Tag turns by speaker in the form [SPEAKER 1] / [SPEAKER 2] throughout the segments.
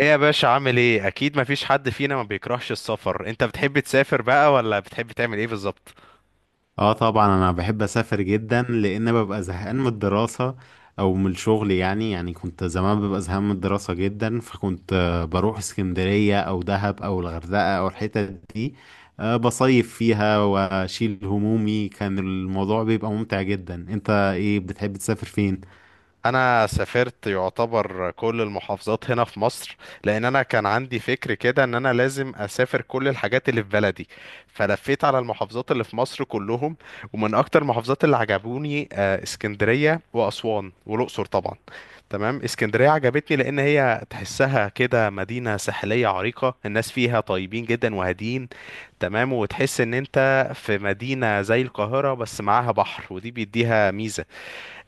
[SPEAKER 1] ايه يا باشا؟ عامل ايه؟ اكيد مفيش حد فينا ما بيكرهش السفر. انت بتحب تسافر بقى ولا بتحب تعمل ايه بالظبط؟
[SPEAKER 2] اه طبعا انا بحب اسافر جدا لان ببقى زهقان من الدراسة او من الشغل. يعني كنت زمان ببقى زهقان من الدراسة جدا فكنت بروح اسكندرية او دهب او الغردقة او الحتت دي. بصيف فيها واشيل همومي. كان الموضوع بيبقى ممتع جدا. انت ايه بتحب تسافر فين؟
[SPEAKER 1] انا سافرت يعتبر كل المحافظات هنا في مصر، لان انا كان عندي فكر كده ان انا لازم اسافر كل الحاجات اللي في بلدي، فلفيت على المحافظات اللي في مصر كلهم. ومن اكتر المحافظات اللي عجبوني اسكندرية واسوان والاقصر طبعا. تمام، اسكندرية عجبتني لأن هي تحسها كده مدينة ساحلية عريقة، الناس فيها طيبين جدا وهادين. تمام، وتحس إن أنت في مدينة زي القاهرة بس معاها بحر، ودي بيديها ميزة.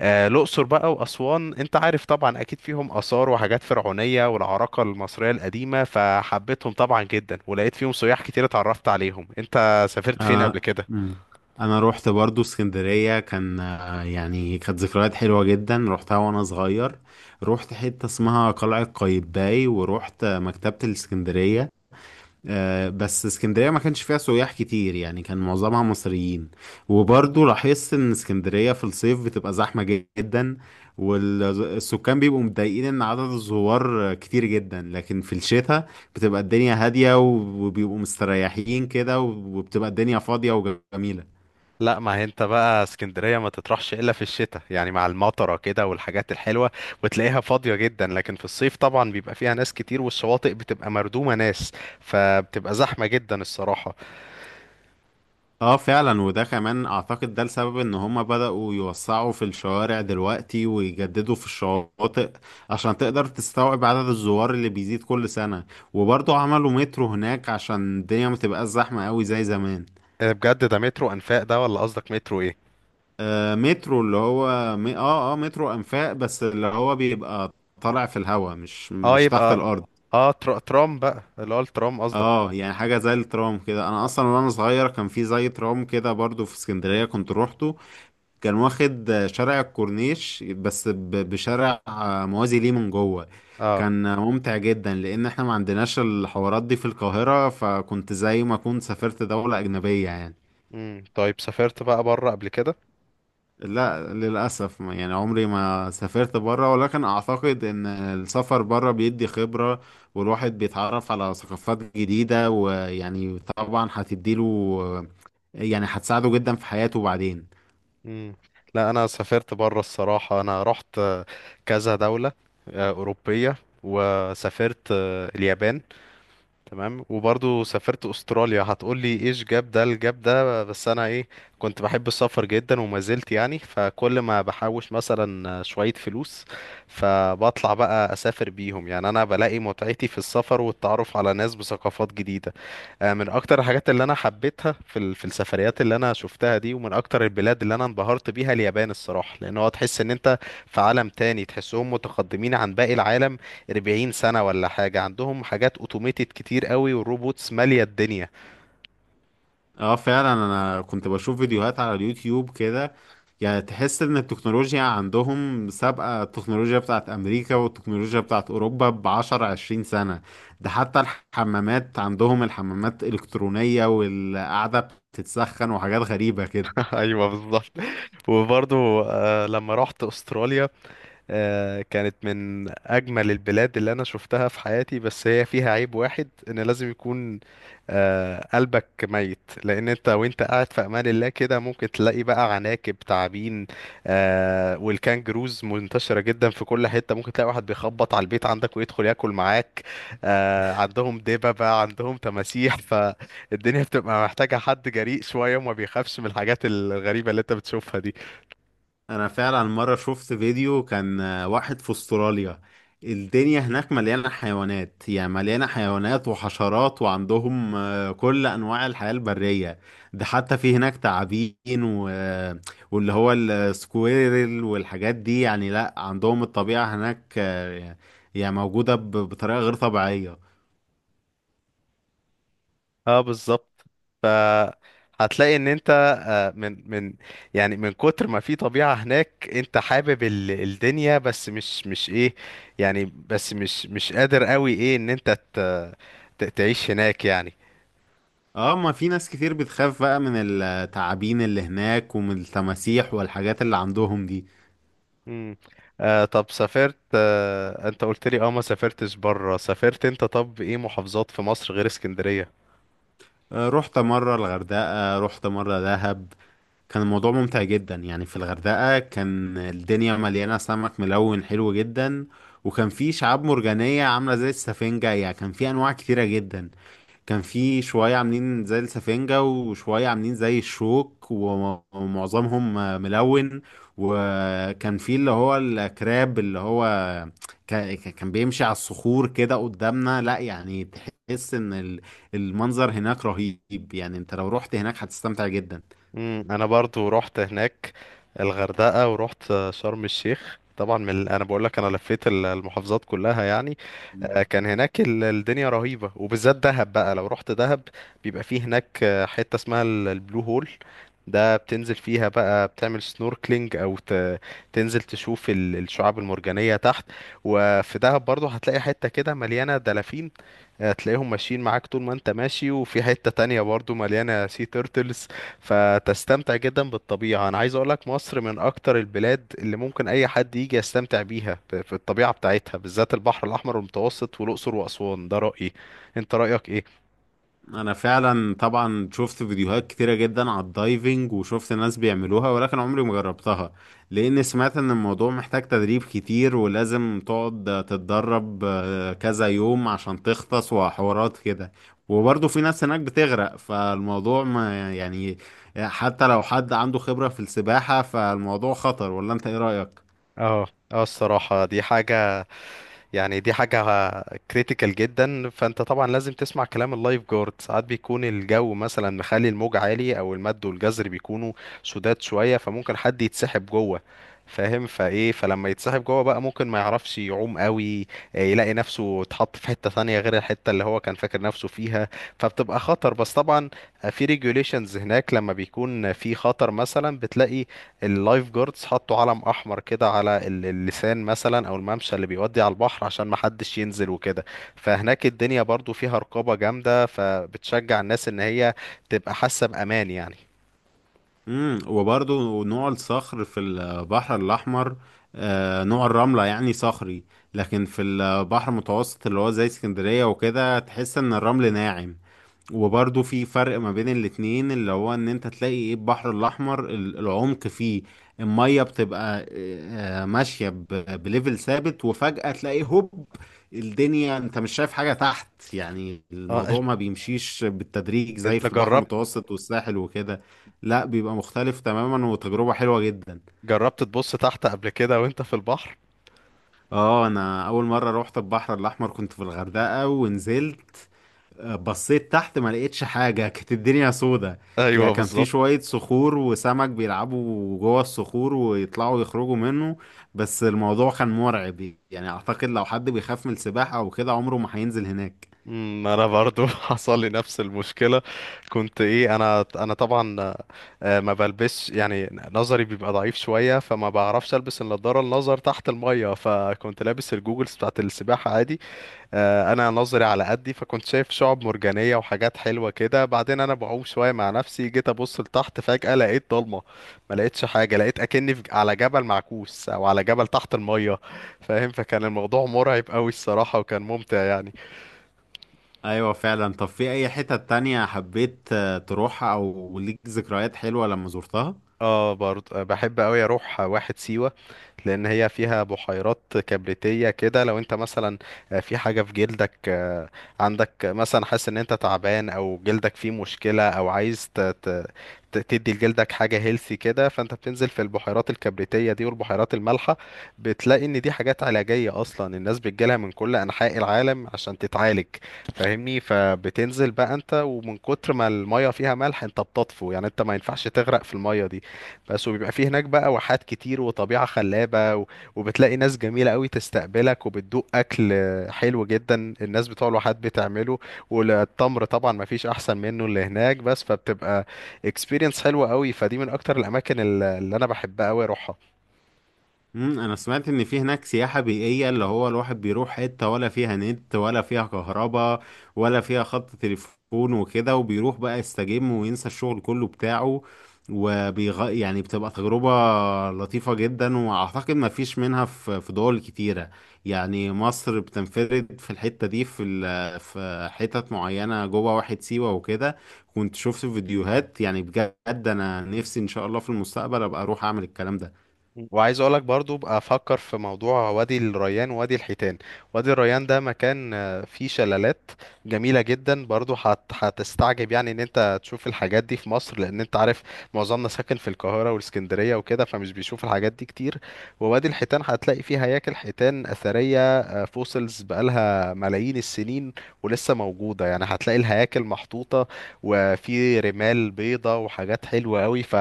[SPEAKER 1] آه، الأقصر بقى وأسوان، أنت عارف طبعا أكيد فيهم آثار وحاجات فرعونية والعراقة المصرية القديمة، فحبيتهم طبعا جدا، ولقيت فيهم سياح كتير اتعرفت عليهم. أنت سافرت فين
[SPEAKER 2] انا
[SPEAKER 1] قبل كده؟
[SPEAKER 2] مم. انا روحت برضو اسكندريه. كان يعني كانت ذكريات حلوه جدا، روحتها وانا صغير. روحت حته اسمها قلعه قايتباي وروحت مكتبه الاسكندريه. بس اسكندرية ما كانش فيها سياح كتير، يعني كان معظمها مصريين. وبرضو لاحظت ان اسكندرية في الصيف بتبقى زحمة جدا، والسكان بيبقوا متضايقين ان عدد الزوار كتير جدا. لكن في الشتاء بتبقى الدنيا هادية وبيبقوا مستريحين كده، وبتبقى الدنيا فاضية وجميلة.
[SPEAKER 1] لا، ما هي انت بقى اسكندرية ما تطرحش الا في الشتاء، يعني مع المطرة كده والحاجات الحلوة، وتلاقيها فاضية جدا. لكن في الصيف طبعا بيبقى فيها ناس كتير، والشواطئ بتبقى مردومة ناس، فبتبقى زحمة جدا الصراحة.
[SPEAKER 2] اه فعلا، وده كمان اعتقد ده السبب ان هما بدأوا يوسعوا في الشوارع دلوقتي ويجددوا في الشواطئ عشان تقدر تستوعب عدد الزوار اللي بيزيد كل سنة. وبرضه عملوا مترو هناك عشان الدنيا ما تبقاش زحمة قوي زي زمان.
[SPEAKER 1] اه بجد، ده مترو انفاق ده ولا قصدك مترو ايه؟
[SPEAKER 2] آه مترو اللي هو م... اه اه مترو انفاق، بس اللي هو بيبقى طالع في الهواء، مش
[SPEAKER 1] اه
[SPEAKER 2] مش تحت
[SPEAKER 1] يبقى
[SPEAKER 2] الارض.
[SPEAKER 1] اه ترام بقى، اللي هو الترام قصدك؟
[SPEAKER 2] اه يعني حاجة زي الترام كده. انا اصلا وانا صغير كان في زي ترام كده برضه في اسكندرية كنت روحته. كان واخد شارع الكورنيش بس بشارع موازي ليه من جوه.
[SPEAKER 1] اه.
[SPEAKER 2] كان ممتع جدا لان احنا ما عندناش الحوارات دي في القاهرة، فكنت زي ما كنت سافرت دولة اجنبية يعني.
[SPEAKER 1] طيب، سافرت بقى بره قبل كده؟
[SPEAKER 2] لا للاسف، يعني عمري ما سافرت بره، ولكن اعتقد ان السفر بره بيدي خبرة والواحد بيتعرف على ثقافات جديدة، ويعني طبعا هتديله يعني هتساعده جدا في حياته بعدين.
[SPEAKER 1] امم لا، انا سافرت بره الصراحة. انا رحت كذا دولة أوروبية، وسافرت اليابان. تمام، وبرضو سافرت استراليا. هتقول لي ايش جاب ده الجاب ده؟ بس انا ايه، كنت بحب السفر جدا وما زلت، يعني فكل ما بحوش مثلا شوية فلوس فبطلع بقى اسافر بيهم، يعني انا بلاقي متعتي في السفر والتعرف على ناس بثقافات جديدة. من اكتر الحاجات اللي انا حبيتها في في السفريات اللي انا شفتها دي، ومن اكتر البلاد اللي انا انبهرت بيها اليابان الصراحه، لان هو تحس ان انت في عالم تاني، تحسهم متقدمين عن باقي العالم 40 سنه ولا حاجه. عندهم حاجات اوتوميتد كتير قوي، والروبوتس ماليه الدنيا.
[SPEAKER 2] اه فعلا، انا كنت بشوف فيديوهات على اليوتيوب كده. يعني تحس ان التكنولوجيا عندهم سابقة التكنولوجيا بتاعت امريكا والتكنولوجيا بتاعت اوروبا بعشر عشرين سنة. ده حتى الحمامات عندهم الحمامات الكترونية، والقعدة بتتسخن وحاجات غريبة كده.
[SPEAKER 1] ايوه بالظبط. وبرضو لما رحت استراليا كانت من أجمل البلاد اللي أنا شفتها في حياتي، بس هي فيها عيب واحد، إن لازم يكون قلبك ميت، لأن أنت وأنت قاعد في أمان الله كده ممكن تلاقي بقى عناكب، تعابين، والكانجروز منتشرة جدا في كل حتة، ممكن تلاقي واحد بيخبط على البيت عندك ويدخل ياكل معاك. عندهم دببة، عندهم تماسيح. فالدنيا بتبقى محتاجة حد جريء شوية وما بيخافش من الحاجات الغريبة اللي أنت بتشوفها دي.
[SPEAKER 2] انا فعلا مره شفت فيديو، كان واحد في استراليا. الدنيا هناك مليانه حيوانات، يعني مليانه حيوانات وحشرات، وعندهم كل انواع الحياه البريه. ده حتى في هناك تعابين و... آه، واللي هو السكويرل والحاجات دي. يعني لا، عندهم الطبيعه هناك يعني موجوده بطريقه غير طبيعيه.
[SPEAKER 1] اه بالظبط. ف هتلاقي ان انت من يعني من كتر ما في طبيعة هناك، انت حابب الدنيا، بس مش ايه، يعني بس مش قادر قوي ايه ان انت تعيش هناك يعني.
[SPEAKER 2] اه ما في ناس كتير بتخاف بقى من التعابين اللي هناك ومن التماسيح والحاجات اللي عندهم دي.
[SPEAKER 1] امم آه، طب سافرت آه، انت قلت لي اه ما سافرتش بره. سافرت انت طب ايه محافظات في مصر غير اسكندرية؟
[SPEAKER 2] رحت مرة الغردقة، رحت مرة دهب. كان الموضوع ممتع جدا. يعني في الغردقة كان الدنيا مليانة سمك ملون حلو جدا، وكان في شعاب مرجانية عاملة زي السفنجة. يعني كان في أنواع كتيرة جدا، كان في شوية عاملين زي السفنجة وشوية عاملين زي الشوك، ومعظمهم ملون. وكان في اللي هو الكراب، اللي هو كان بيمشي على الصخور كده قدامنا. لا يعني تحس ان المنظر هناك رهيب، يعني انت لو رحت هناك هتستمتع جدا.
[SPEAKER 1] مم، انا برضو رحت هناك الغردقة، ورحت شرم الشيخ طبعا، من انا بقول لك انا لفيت المحافظات كلها يعني. كان هناك الدنيا رهيبة، وبالذات دهب بقى. لو رحت دهب بيبقى فيه هناك حتة اسمها البلو هول. ده بتنزل فيها بقى، بتعمل سنوركلينج او تنزل تشوف الشعاب المرجانية تحت. وفي دهب برضو هتلاقي حتة كده مليانة دلافين، تلاقيهم ماشيين معاك طول ما انت ماشي، وفي حتة تانية برضو مليانة سي تيرتلز، فتستمتع جدا بالطبيعة. انا عايز اقولك مصر من اكتر البلاد اللي ممكن اي حد يجي يستمتع بيها في الطبيعة بتاعتها، بالذات البحر الاحمر والمتوسط والاقصر واسوان، ده رأيي. انت رأيك ايه؟
[SPEAKER 2] انا فعلا طبعا شفت فيديوهات كتيرة جدا على الدايفنج وشفت ناس بيعملوها، ولكن عمري ما جربتها. لان سمعت ان الموضوع محتاج تدريب كتير، ولازم تقعد تتدرب كذا يوم عشان تغطس وحوارات كده. وبرضه في ناس هناك بتغرق، فالموضوع ما يعني حتى لو حد عنده خبرة في السباحة فالموضوع خطر، ولا انت ايه رأيك؟
[SPEAKER 1] اه، اه الصراحة دي حاجة، يعني دي حاجة كريتيكال جدا. فانت طبعا لازم تسمع كلام اللايف جارد. ساعات بيكون الجو مثلا مخلي الموج عالي، او المد والجزر بيكونوا سداد شوية، فممكن حد يتسحب جوه، فاهم؟ فايه، فلما يتسحب جوه بقى ممكن ما يعرفش يعوم قوي، يلاقي نفسه اتحط في حتة ثانية غير الحتة اللي هو كان فاكر نفسه فيها، فبتبقى خطر. بس طبعا في ريجوليشنز هناك، لما بيكون في خطر مثلا بتلاقي اللايف جاردز حطوا علم احمر كده على اللسان مثلا، او الممشى اللي بيودي على البحر، عشان محدش ينزل وكده. فهناك الدنيا برضو فيها رقابة جامدة، فبتشجع الناس ان هي تبقى حاسة بامان يعني.
[SPEAKER 2] امم، وبرضو نوع الصخر في البحر الأحمر نوع الرملة يعني صخري، لكن في البحر المتوسط اللي هو زي اسكندرية وكده تحس إن الرمل ناعم. وبرضه في فرق ما بين الاتنين، اللي هو ان انت تلاقي ايه، البحر الاحمر العمق فيه المية بتبقى ماشية بليفل ثابت، وفجأة تلاقي هوب، الدنيا انت مش شايف حاجة تحت. يعني
[SPEAKER 1] اه،
[SPEAKER 2] الموضوع ما بيمشيش بالتدريج زي
[SPEAKER 1] إنت
[SPEAKER 2] في البحر
[SPEAKER 1] جربت،
[SPEAKER 2] المتوسط والساحل وكده. لا بيبقى مختلف تماما، وتجربة حلوة جدا.
[SPEAKER 1] جربت تبص تحت قبل كده وانت في البحر؟
[SPEAKER 2] اه انا اول مرة روحت البحر الاحمر كنت في الغردقة، ونزلت بصيت تحت ما لقيتش حاجة، كانت الدنيا سودة. يعني
[SPEAKER 1] ايوه
[SPEAKER 2] كان في
[SPEAKER 1] بالظبط.
[SPEAKER 2] شوية صخور وسمك بيلعبوا جوه الصخور ويطلعوا يخرجوا منه، بس الموضوع كان مرعب. يعني أعتقد لو حد بيخاف من السباحة أو كده عمره ما هينزل هناك.
[SPEAKER 1] انا برضو حصل لي نفس المشكله. كنت ايه، انا طبعا ما بلبسش، يعني نظري بيبقى ضعيف شويه، فما بعرفش البس النضاره النظر تحت الميه، فكنت لابس الجوجلز بتاعت السباحه عادي. انا نظري على قدي، فكنت شايف شعب مرجانيه وحاجات حلوه كده. بعدين انا بعوم شويه مع نفسي، جيت ابص لتحت فجاه لقيت ضلمه، ما لقيتش حاجه، لقيت اكني على جبل معكوس او على جبل تحت الميه، فاهم؟ فكان الموضوع مرعب قوي الصراحه، وكان ممتع يعني.
[SPEAKER 2] أيوة فعلا. طب في أي حتة تانية حبيت تروحها أو ليك ذكريات حلوة لما زرتها؟
[SPEAKER 1] اه برضه بحب قوي اروح واحد سيوة، لان هي فيها بحيرات كبريتية كده. لو انت مثلا في حاجة في جلدك، عندك مثلا حاسس ان انت تعبان، او جلدك فيه مشكلة، او عايز تدي لجلدك حاجة هيلثي كده، فانت بتنزل في البحيرات الكبريتية دي والبحيرات المالحة، بتلاقي ان دي حاجات علاجية اصلا، الناس بتجيلها من كل انحاء العالم عشان تتعالج، فاهمني؟ فبتنزل بقى انت، ومن كتر ما المية فيها ملح انت بتطفو، يعني انت ما ينفعش تغرق في المية دي. بس وبيبقى فيه هناك بقى واحات كتير وطبيعة خلابة، وبتلاقي ناس جميلة قوي تستقبلك، وبتدوق أكل حلو جدا الناس بتوع الواحات بتعمله، والتمر طبعا ما فيش أحسن منه اللي هناك، بس فبتبقى experience حلوة قوي، فدي من أكتر الأماكن اللي أنا بحبها قوي أروحها.
[SPEAKER 2] امم، انا سمعت ان في هناك سياحة بيئية، اللي هو الواحد بيروح حتة ولا فيها نت ولا فيها كهرباء ولا فيها خط تليفون وكده، وبيروح بقى يستجم وينسى الشغل كله بتاعه. يعني بتبقى تجربة لطيفة جدا، واعتقد ما فيش منها في دول كتيرة. يعني مصر بتنفرد في الحتة دي، في في حتت معينة جوه واحد سيوة وكده. كنت شفت فيديوهات، يعني بجد انا نفسي ان شاء الله في المستقبل ابقى اروح اعمل الكلام ده.
[SPEAKER 1] وعايز اقولك برضو بقى افكر في موضوع وادي الريان ووادي الحيتان. وادي الريان ده مكان فيه شلالات جميلة جدا، برضو هتستعجب يعني ان انت تشوف الحاجات دي في مصر، لان انت عارف معظمنا ساكن في القاهرة والاسكندرية وكده، فمش بيشوف الحاجات دي كتير. ووادي الحيتان هتلاقي فيه هياكل حيتان اثرية، فوسلز بقالها ملايين السنين ولسه موجودة، يعني هتلاقي الهياكل محطوطة، وفي رمال بيضة وحاجات حلوة قوي، ف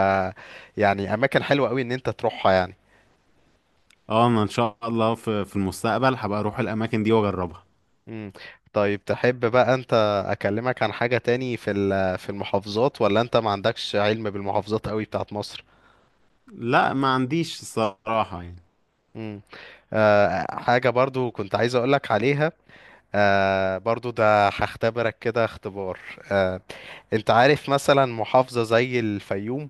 [SPEAKER 1] يعني اماكن حلوة قوي ان انت تروحها يعني.
[SPEAKER 2] اه انا ان شاء الله في المستقبل هبقى اروح الاماكن دي واجربها.
[SPEAKER 1] مم. طيب تحب بقى انت اكلمك عن حاجة تاني في في المحافظات، ولا انت ما عندكش علم بالمحافظات قوي بتاعت مصر؟
[SPEAKER 2] لا ما عنديش الصراحه يعني.
[SPEAKER 1] مم. آه، حاجة برضو كنت عايز اقولك عليها، آه برضو ده هختبرك كده اختبار. آه، انت عارف مثلا محافظة زي الفيوم؟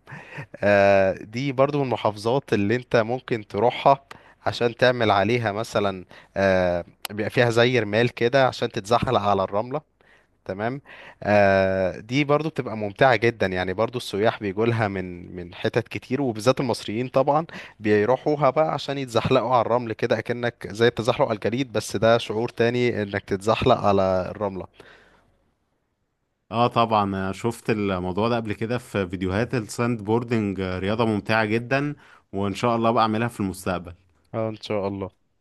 [SPEAKER 1] آه دي برضو من المحافظات اللي انت ممكن تروحها عشان تعمل عليها مثلا، آه، بيبقى فيها زي رمال كده عشان تتزحلق على الرملة، تمام؟ آه دي برضو بتبقى ممتعة جدا، يعني برضو السياح بيجوا لها من حتت كتير، وبالذات المصريين طبعا بيروحوها بقى عشان يتزحلقوا على الرمل كده، اكنك زي التزحلق على الجليد، بس ده شعور تاني انك تتزحلق على الرملة.
[SPEAKER 2] اه طبعا، شفت الموضوع ده قبل كده في فيديوهات الساند بوردنج. رياضه ممتعه جدا، وان شاء الله بقى اعملها في المستقبل.
[SPEAKER 1] آه ان شاء الله.